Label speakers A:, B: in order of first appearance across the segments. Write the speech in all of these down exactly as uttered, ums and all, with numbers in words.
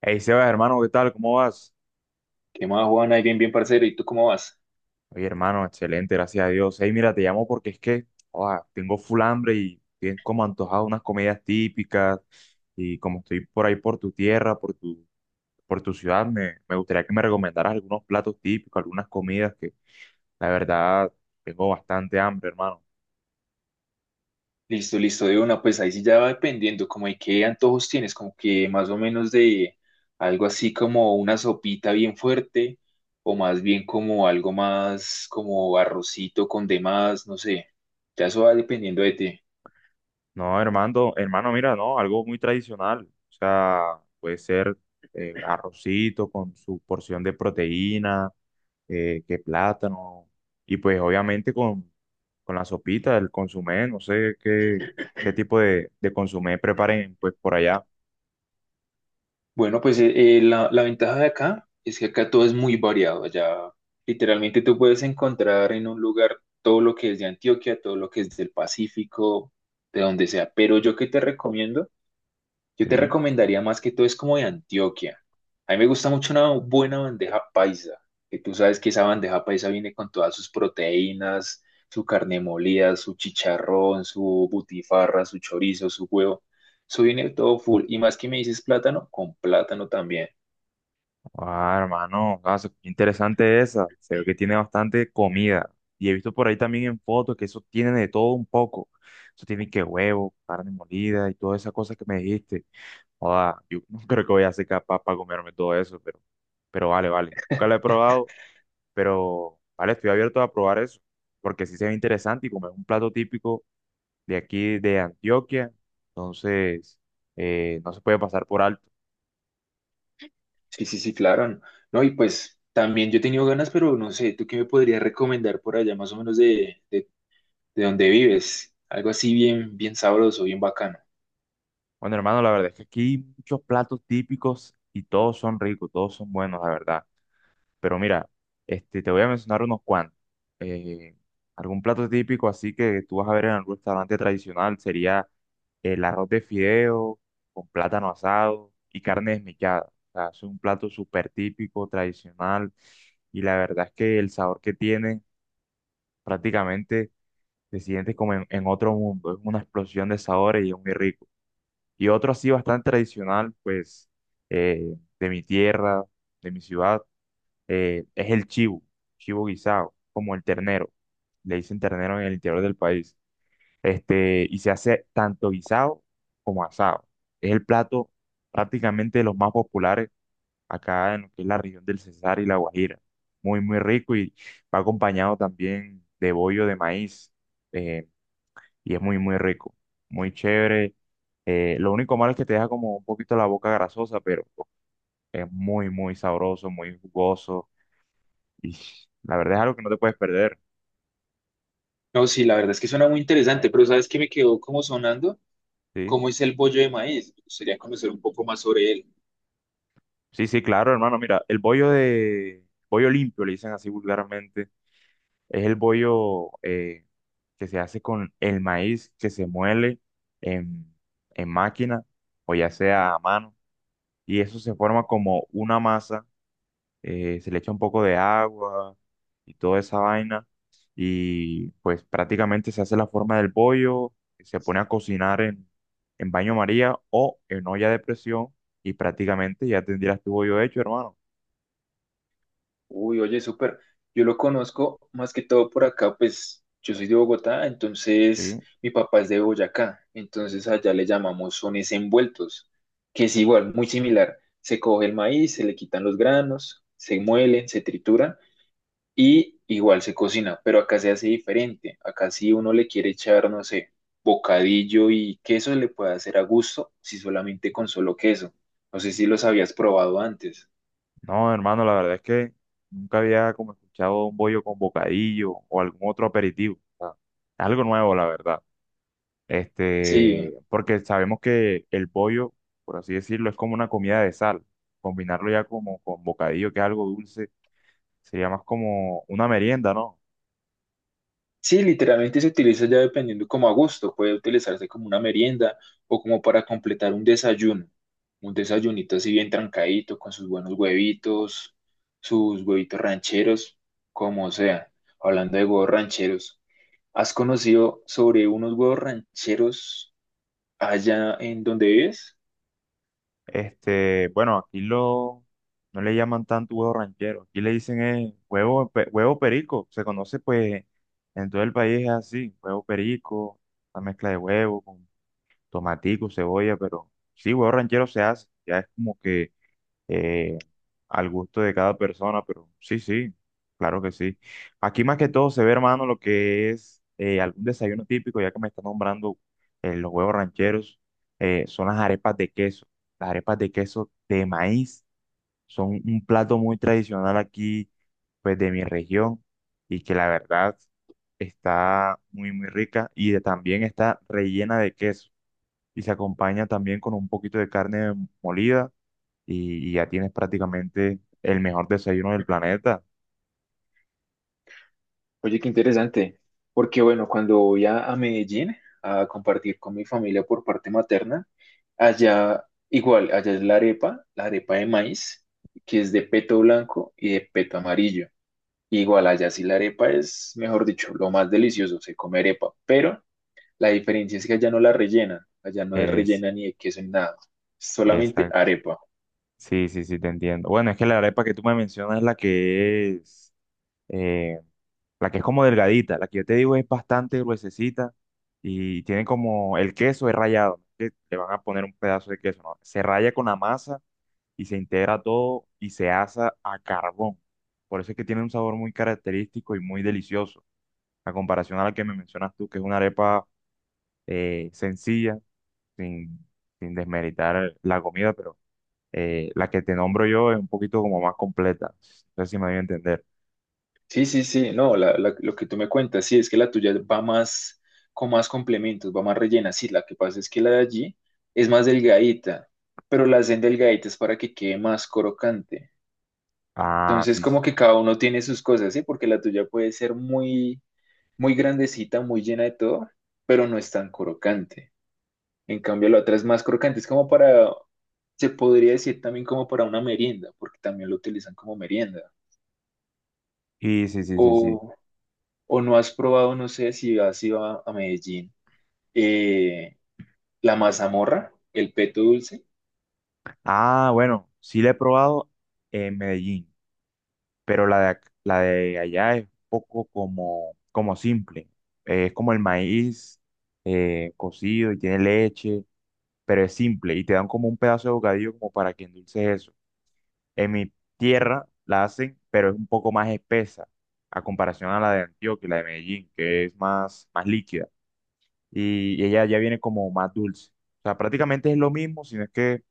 A: Hey Sebas, hermano, ¿qué tal? ¿Cómo vas?
B: ¿Qué más, Juan? Ahí bien, bien, parcero. ¿Y tú cómo vas?
A: Oye, hermano, excelente, gracias a Dios. Hey, mira, te llamo porque es que ah, tengo full hambre y estoy como antojado de unas comidas típicas y como estoy por ahí por tu tierra, por tu, por tu ciudad, me, me gustaría que me recomendaras algunos platos típicos, algunas comidas que la verdad tengo bastante hambre, hermano.
B: Listo, listo, de una. Pues ahí sí ya va dependiendo, como de qué antojos tienes, como que más o menos de algo así como una sopita bien fuerte, o más bien como algo más como arrocito con demás, no sé. Ya eso va dependiendo de ti.
A: No, hermano, hermano, mira, no, algo muy tradicional. O sea, puede ser eh, arrocito con su porción de proteína, eh, que plátano, y pues obviamente con, con la sopita, el consomé, no sé qué, qué tipo de, de consomé preparen pues por allá.
B: Bueno, pues eh, eh, la, la ventaja de acá es que acá todo es muy variado. Allá literalmente tú puedes encontrar en un lugar todo lo que es de Antioquia, todo lo que es del Pacífico, de donde sea. Pero yo que te recomiendo Yo te
A: Sí.
B: recomendaría más que todo es como de Antioquia. A mí me gusta mucho una buena bandeja paisa, que tú sabes que esa bandeja paisa viene con todas sus proteínas, su carne molida, su chicharrón, su butifarra, su chorizo, su huevo. Eso viene todo full. Y más que me dices plátano, con plátano también.
A: Ah, hermano, ah, se- qué interesante esa. Se ve que tiene bastante comida. Y he visto por ahí también en fotos que eso tiene de todo un poco. Eso tiene que huevo, carne molida y todas esas cosas que me dijiste. Joda, yo no creo que voy a ser capaz para comerme todo eso, pero, pero vale, vale. Nunca lo he probado, pero vale, estoy abierto a probar eso, porque sí se ve interesante y como es un plato típico de aquí de Antioquia, entonces eh, no se puede pasar por alto.
B: Sí, sí, sí, claro. No, No, y pues también yo he tenido ganas, pero no sé, ¿tú qué me podrías recomendar por allá más o menos de, de, de donde vives? Algo así bien, bien sabroso, bien bacano.
A: Bueno, hermano, la verdad es que aquí hay muchos platos típicos y todos son ricos, todos son buenos, la verdad. Pero mira, este, te voy a mencionar unos cuantos. Eh, Algún plato típico así que tú vas a ver en algún restaurante tradicional sería el arroz de fideo con plátano asado y carne desmechada. O sea, es un plato súper típico, tradicional, y la verdad es que el sabor que tiene prácticamente te sientes como en, en otro mundo. Es una explosión de sabores y es muy rico. Y otro así bastante tradicional, pues, eh, de mi tierra, de mi ciudad, eh, es el chivo, chivo guisado, como el ternero. Le dicen ternero en el interior del país. Este, y se hace tanto guisado como asado. Es el plato prácticamente de los más populares acá en lo que es la región del Cesar y la Guajira. Muy, muy rico, y va acompañado también de bollo de maíz. eh, y es muy, muy rico, muy chévere. Eh, lo único malo es que te deja como un poquito la boca grasosa, pero es muy, muy sabroso, muy jugoso, y la verdad es algo que no te puedes perder,
B: No, sí, la verdad es que suena muy interesante, pero ¿sabes qué me quedó como sonando?
A: ¿sí?
B: ¿Cómo es el bollo de maíz? Me gustaría conocer un poco más sobre él.
A: Sí, sí, claro, hermano. Mira, el bollo de... Bollo limpio, le dicen así vulgarmente. Es el bollo eh, que se hace con el maíz que se muele en, en máquina o ya sea a mano. Y eso se forma como una masa, eh, se le echa un poco de agua y toda esa vaina. Y pues prácticamente se hace la forma del pollo, se pone a cocinar en, en baño María o en olla de presión, y prácticamente ya tendrías tu bollo hecho, hermano.
B: Uy, oye, súper. Yo lo conozco más que todo por acá, pues yo soy de Bogotá, entonces
A: Sí.
B: mi papá es de Boyacá, entonces allá le llamamos sones envueltos, que es igual, muy similar. Se coge el maíz, se le quitan los granos, se muelen, se trituran y igual se cocina, pero acá se hace diferente. Acá si uno le quiere echar, no sé, bocadillo y queso, le puede hacer a gusto, si solamente con solo queso. No sé si los habías probado antes.
A: No, hermano, la verdad es que nunca había como escuchado un bollo con bocadillo o algún otro aperitivo. O sea, algo nuevo, la verdad.
B: Sí,
A: Este, porque sabemos que el pollo, por así decirlo, es como una comida de sal. Combinarlo ya como con bocadillo, que es algo dulce, sería más como una merienda, ¿no?
B: sí, literalmente se utiliza ya dependiendo como a gusto. Puede utilizarse como una merienda o como para completar un desayuno. Un desayunito así bien trancadito, con sus buenos huevitos, sus huevitos rancheros, como sea. Hablando de huevos rancheros. ¿Has conocido sobre unos huevos rancheros allá en donde vives?
A: Este, bueno, aquí lo, no le llaman tanto huevo ranchero, aquí le dicen es huevo, pe- huevo perico, se conoce pues en todo el país es así, huevo perico, la mezcla de huevo con tomatico, cebolla, pero sí, huevo ranchero se hace, ya es como que eh, al gusto de cada persona, pero sí, sí, claro que sí. Aquí más que todo se ve, hermano, lo que es eh, algún desayuno típico, ya que me está nombrando eh, los huevos rancheros, eh, son las arepas de queso. Las arepas de queso de maíz son un plato muy tradicional aquí, pues de mi región, y que la verdad está muy, muy rica y de- también está rellena de queso. Y se acompaña también con un poquito de carne molida, y, y ya tienes prácticamente el mejor desayuno del planeta.
B: Oye, qué interesante, porque bueno, cuando voy a, a Medellín a compartir con mi familia por parte materna, allá igual, allá es la arepa, la arepa de maíz, que es de peto blanco y de peto amarillo. Igual allá sí la arepa es, mejor dicho, lo más delicioso, se come arepa, pero la diferencia es que allá no la rellenan, allá no es
A: Es,
B: rellena ni de queso ni nada, solamente
A: esta,
B: arepa.
A: sí, sí, sí, te entiendo. Bueno, es que la arepa que tú me mencionas es la que es, eh, la que es como delgadita, la que yo te digo es bastante gruesecita y tiene como el queso es rallado, ¿no? Que le van a poner un pedazo de queso, ¿no? Se raya con la masa y se integra todo y se asa a carbón. Por eso es que tiene un sabor muy característico y muy delicioso, a comparación a la que me mencionas tú, que es una arepa eh, sencilla, sin, sin desmeritar la comida, pero eh, la que te nombro yo es un poquito como más completa. No sé si me voy a entender.
B: Sí, sí, sí, no, la- la- lo que tú me cuentas, sí, es que la tuya va más con más complementos, va más rellena, sí, la que pasa es que la de allí es más delgadita, pero la hacen delgadita es para que quede más crocante.
A: Ah,
B: Entonces,
A: sí, sí,
B: como que cada uno tiene sus cosas, sí, porque la tuya puede ser muy, muy grandecita, muy llena de todo, pero no es tan crocante. En cambio, la otra es más crocante, es como para, se podría decir también como para una merienda, porque también lo utilizan como merienda.
A: y sí, sí, sí, sí.
B: O, o no has probado, no sé si has ido a, a Medellín, eh, la mazamorra, el peto dulce.
A: Ah, bueno, sí la he probado en Medellín, pero la de, ac- la de allá es un poco como, como simple. Eh, es como el maíz eh, cocido y tiene leche, pero es simple y te dan como un pedazo de bocadillo como para que endulces eso. En mi tierra la hacen, pero es un poco más espesa a comparación a la de Antioquia y la de Medellín, que es más, más líquida. Y, y ella ya viene como más dulce. O sea, prácticamente es lo mismo, sino es que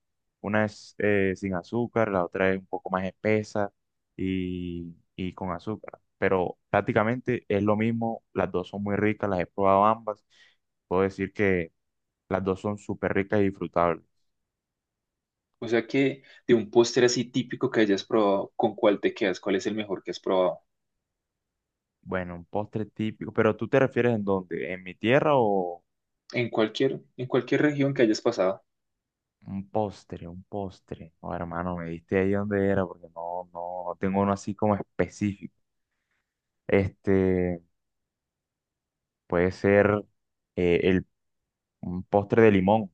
A: una es eh, sin azúcar, la otra es un poco más espesa y, y con azúcar. Pero prácticamente es lo mismo, las dos son muy ricas, las he probado ambas. Puedo decir que las dos son súper ricas y disfrutables.
B: O sea que de un postre así típico que hayas probado, ¿con cuál te quedas? ¿Cuál es el mejor que has probado?
A: Bueno, un postre típico, pero ¿tú te refieres en dónde? ¿En mi tierra o,
B: En cualquier, en cualquier región que hayas pasado.
A: un postre, un postre? Oh, hermano, me diste ahí donde era porque no, no tengo uno así como específico. Este, puede ser eh, el, un postre de limón.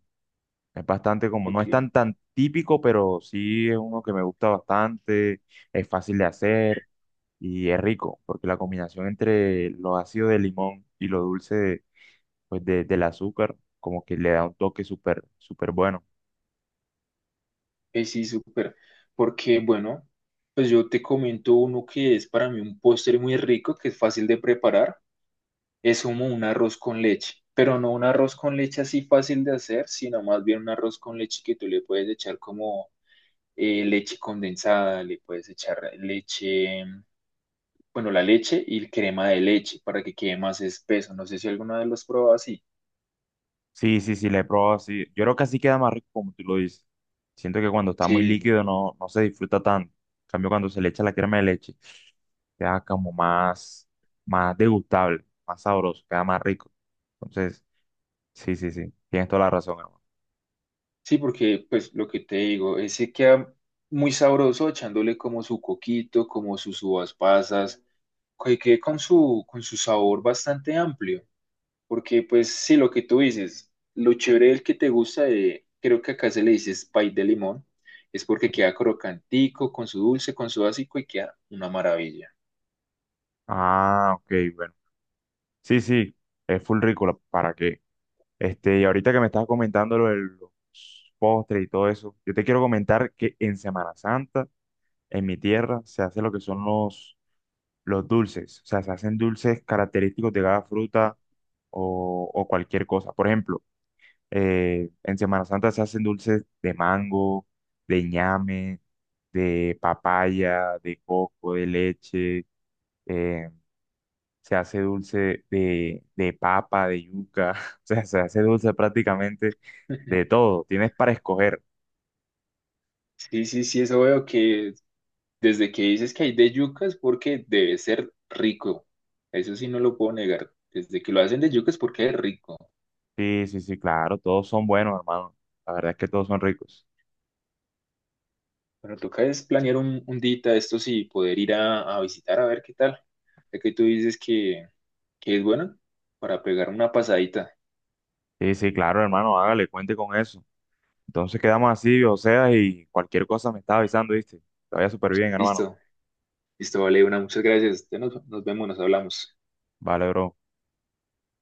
A: Es bastante como, no
B: Ok,
A: es tan tan típico, pero sí es uno que me gusta bastante, es fácil de hacer y es rico, porque la combinación entre lo ácido de limón y lo dulce de- pues de- del azúcar, como que le da un toque súper, súper bueno.
B: eh, sí, súper. Porque, bueno, pues yo te comento uno que es para mí un postre muy rico, que es fácil de preparar. Es como un arroz con leche, pero no un arroz con leche así fácil de hacer, sino más bien un arroz con leche que tú le puedes echar como eh, leche condensada, le puedes echar leche, bueno, la leche y crema de leche para que quede más espeso. No sé si alguna vez los has probado así.
A: Sí, sí, sí, la he probado así. Yo creo que así queda más rico como tú lo dices. Siento que cuando está muy
B: Sí,
A: líquido no, no se disfruta tanto. En cambio, cuando se le echa la crema de leche, queda como más, más degustable, más sabroso, queda más rico. Entonces, sí, sí, sí, tienes toda la razón, hermano.
B: sí, porque pues lo que te digo, ese queda muy sabroso echándole como su coquito, como sus uvas pasas, que quede con su, con su sabor bastante amplio. Porque pues sí, lo que tú dices, lo chévere del que te gusta, de, creo que acá se le dice pie de limón, es porque queda crocantico, con su dulce, con su básico y queda una maravilla.
A: Ah, ok, bueno. Sí, sí, es full rico, la- ¿para qué? Este, y ahorita que me estás comentando lo de los postres y todo eso, yo te quiero comentar que en Semana Santa, en mi tierra, se hace lo que son los los dulces, o sea, se hacen dulces característicos de cada fruta o, o cualquier cosa. Por ejemplo, eh, en Semana Santa se hacen dulces de mango, de ñame, de papaya, de coco, de leche, eh, se hace dulce de, de papa, de yuca, o sea, se hace dulce prácticamente de todo, tienes para escoger.
B: Sí, sí, sí, eso veo que desde que dices que hay de yuca es porque debe ser rico. Eso sí no lo puedo negar. Desde que lo hacen de yuca es porque es rico.
A: Sí, sí, sí, claro, todos son buenos, hermano. La verdad es que todos son ricos.
B: Pero toca es planear un, un dita esto sí, poder ir a, a visitar a ver qué tal. Ya que tú dices que, que es bueno para pegar una pasadita.
A: Sí, sí, claro, hermano, hágale, cuente con eso. Entonces quedamos así, o sea, y cualquier cosa me estaba avisando, ¿viste? Te vaya súper bien, hermano.
B: Listo, listo, vale, una, muchas gracias. Ya nos, nos vemos, nos hablamos.
A: Vale, bro.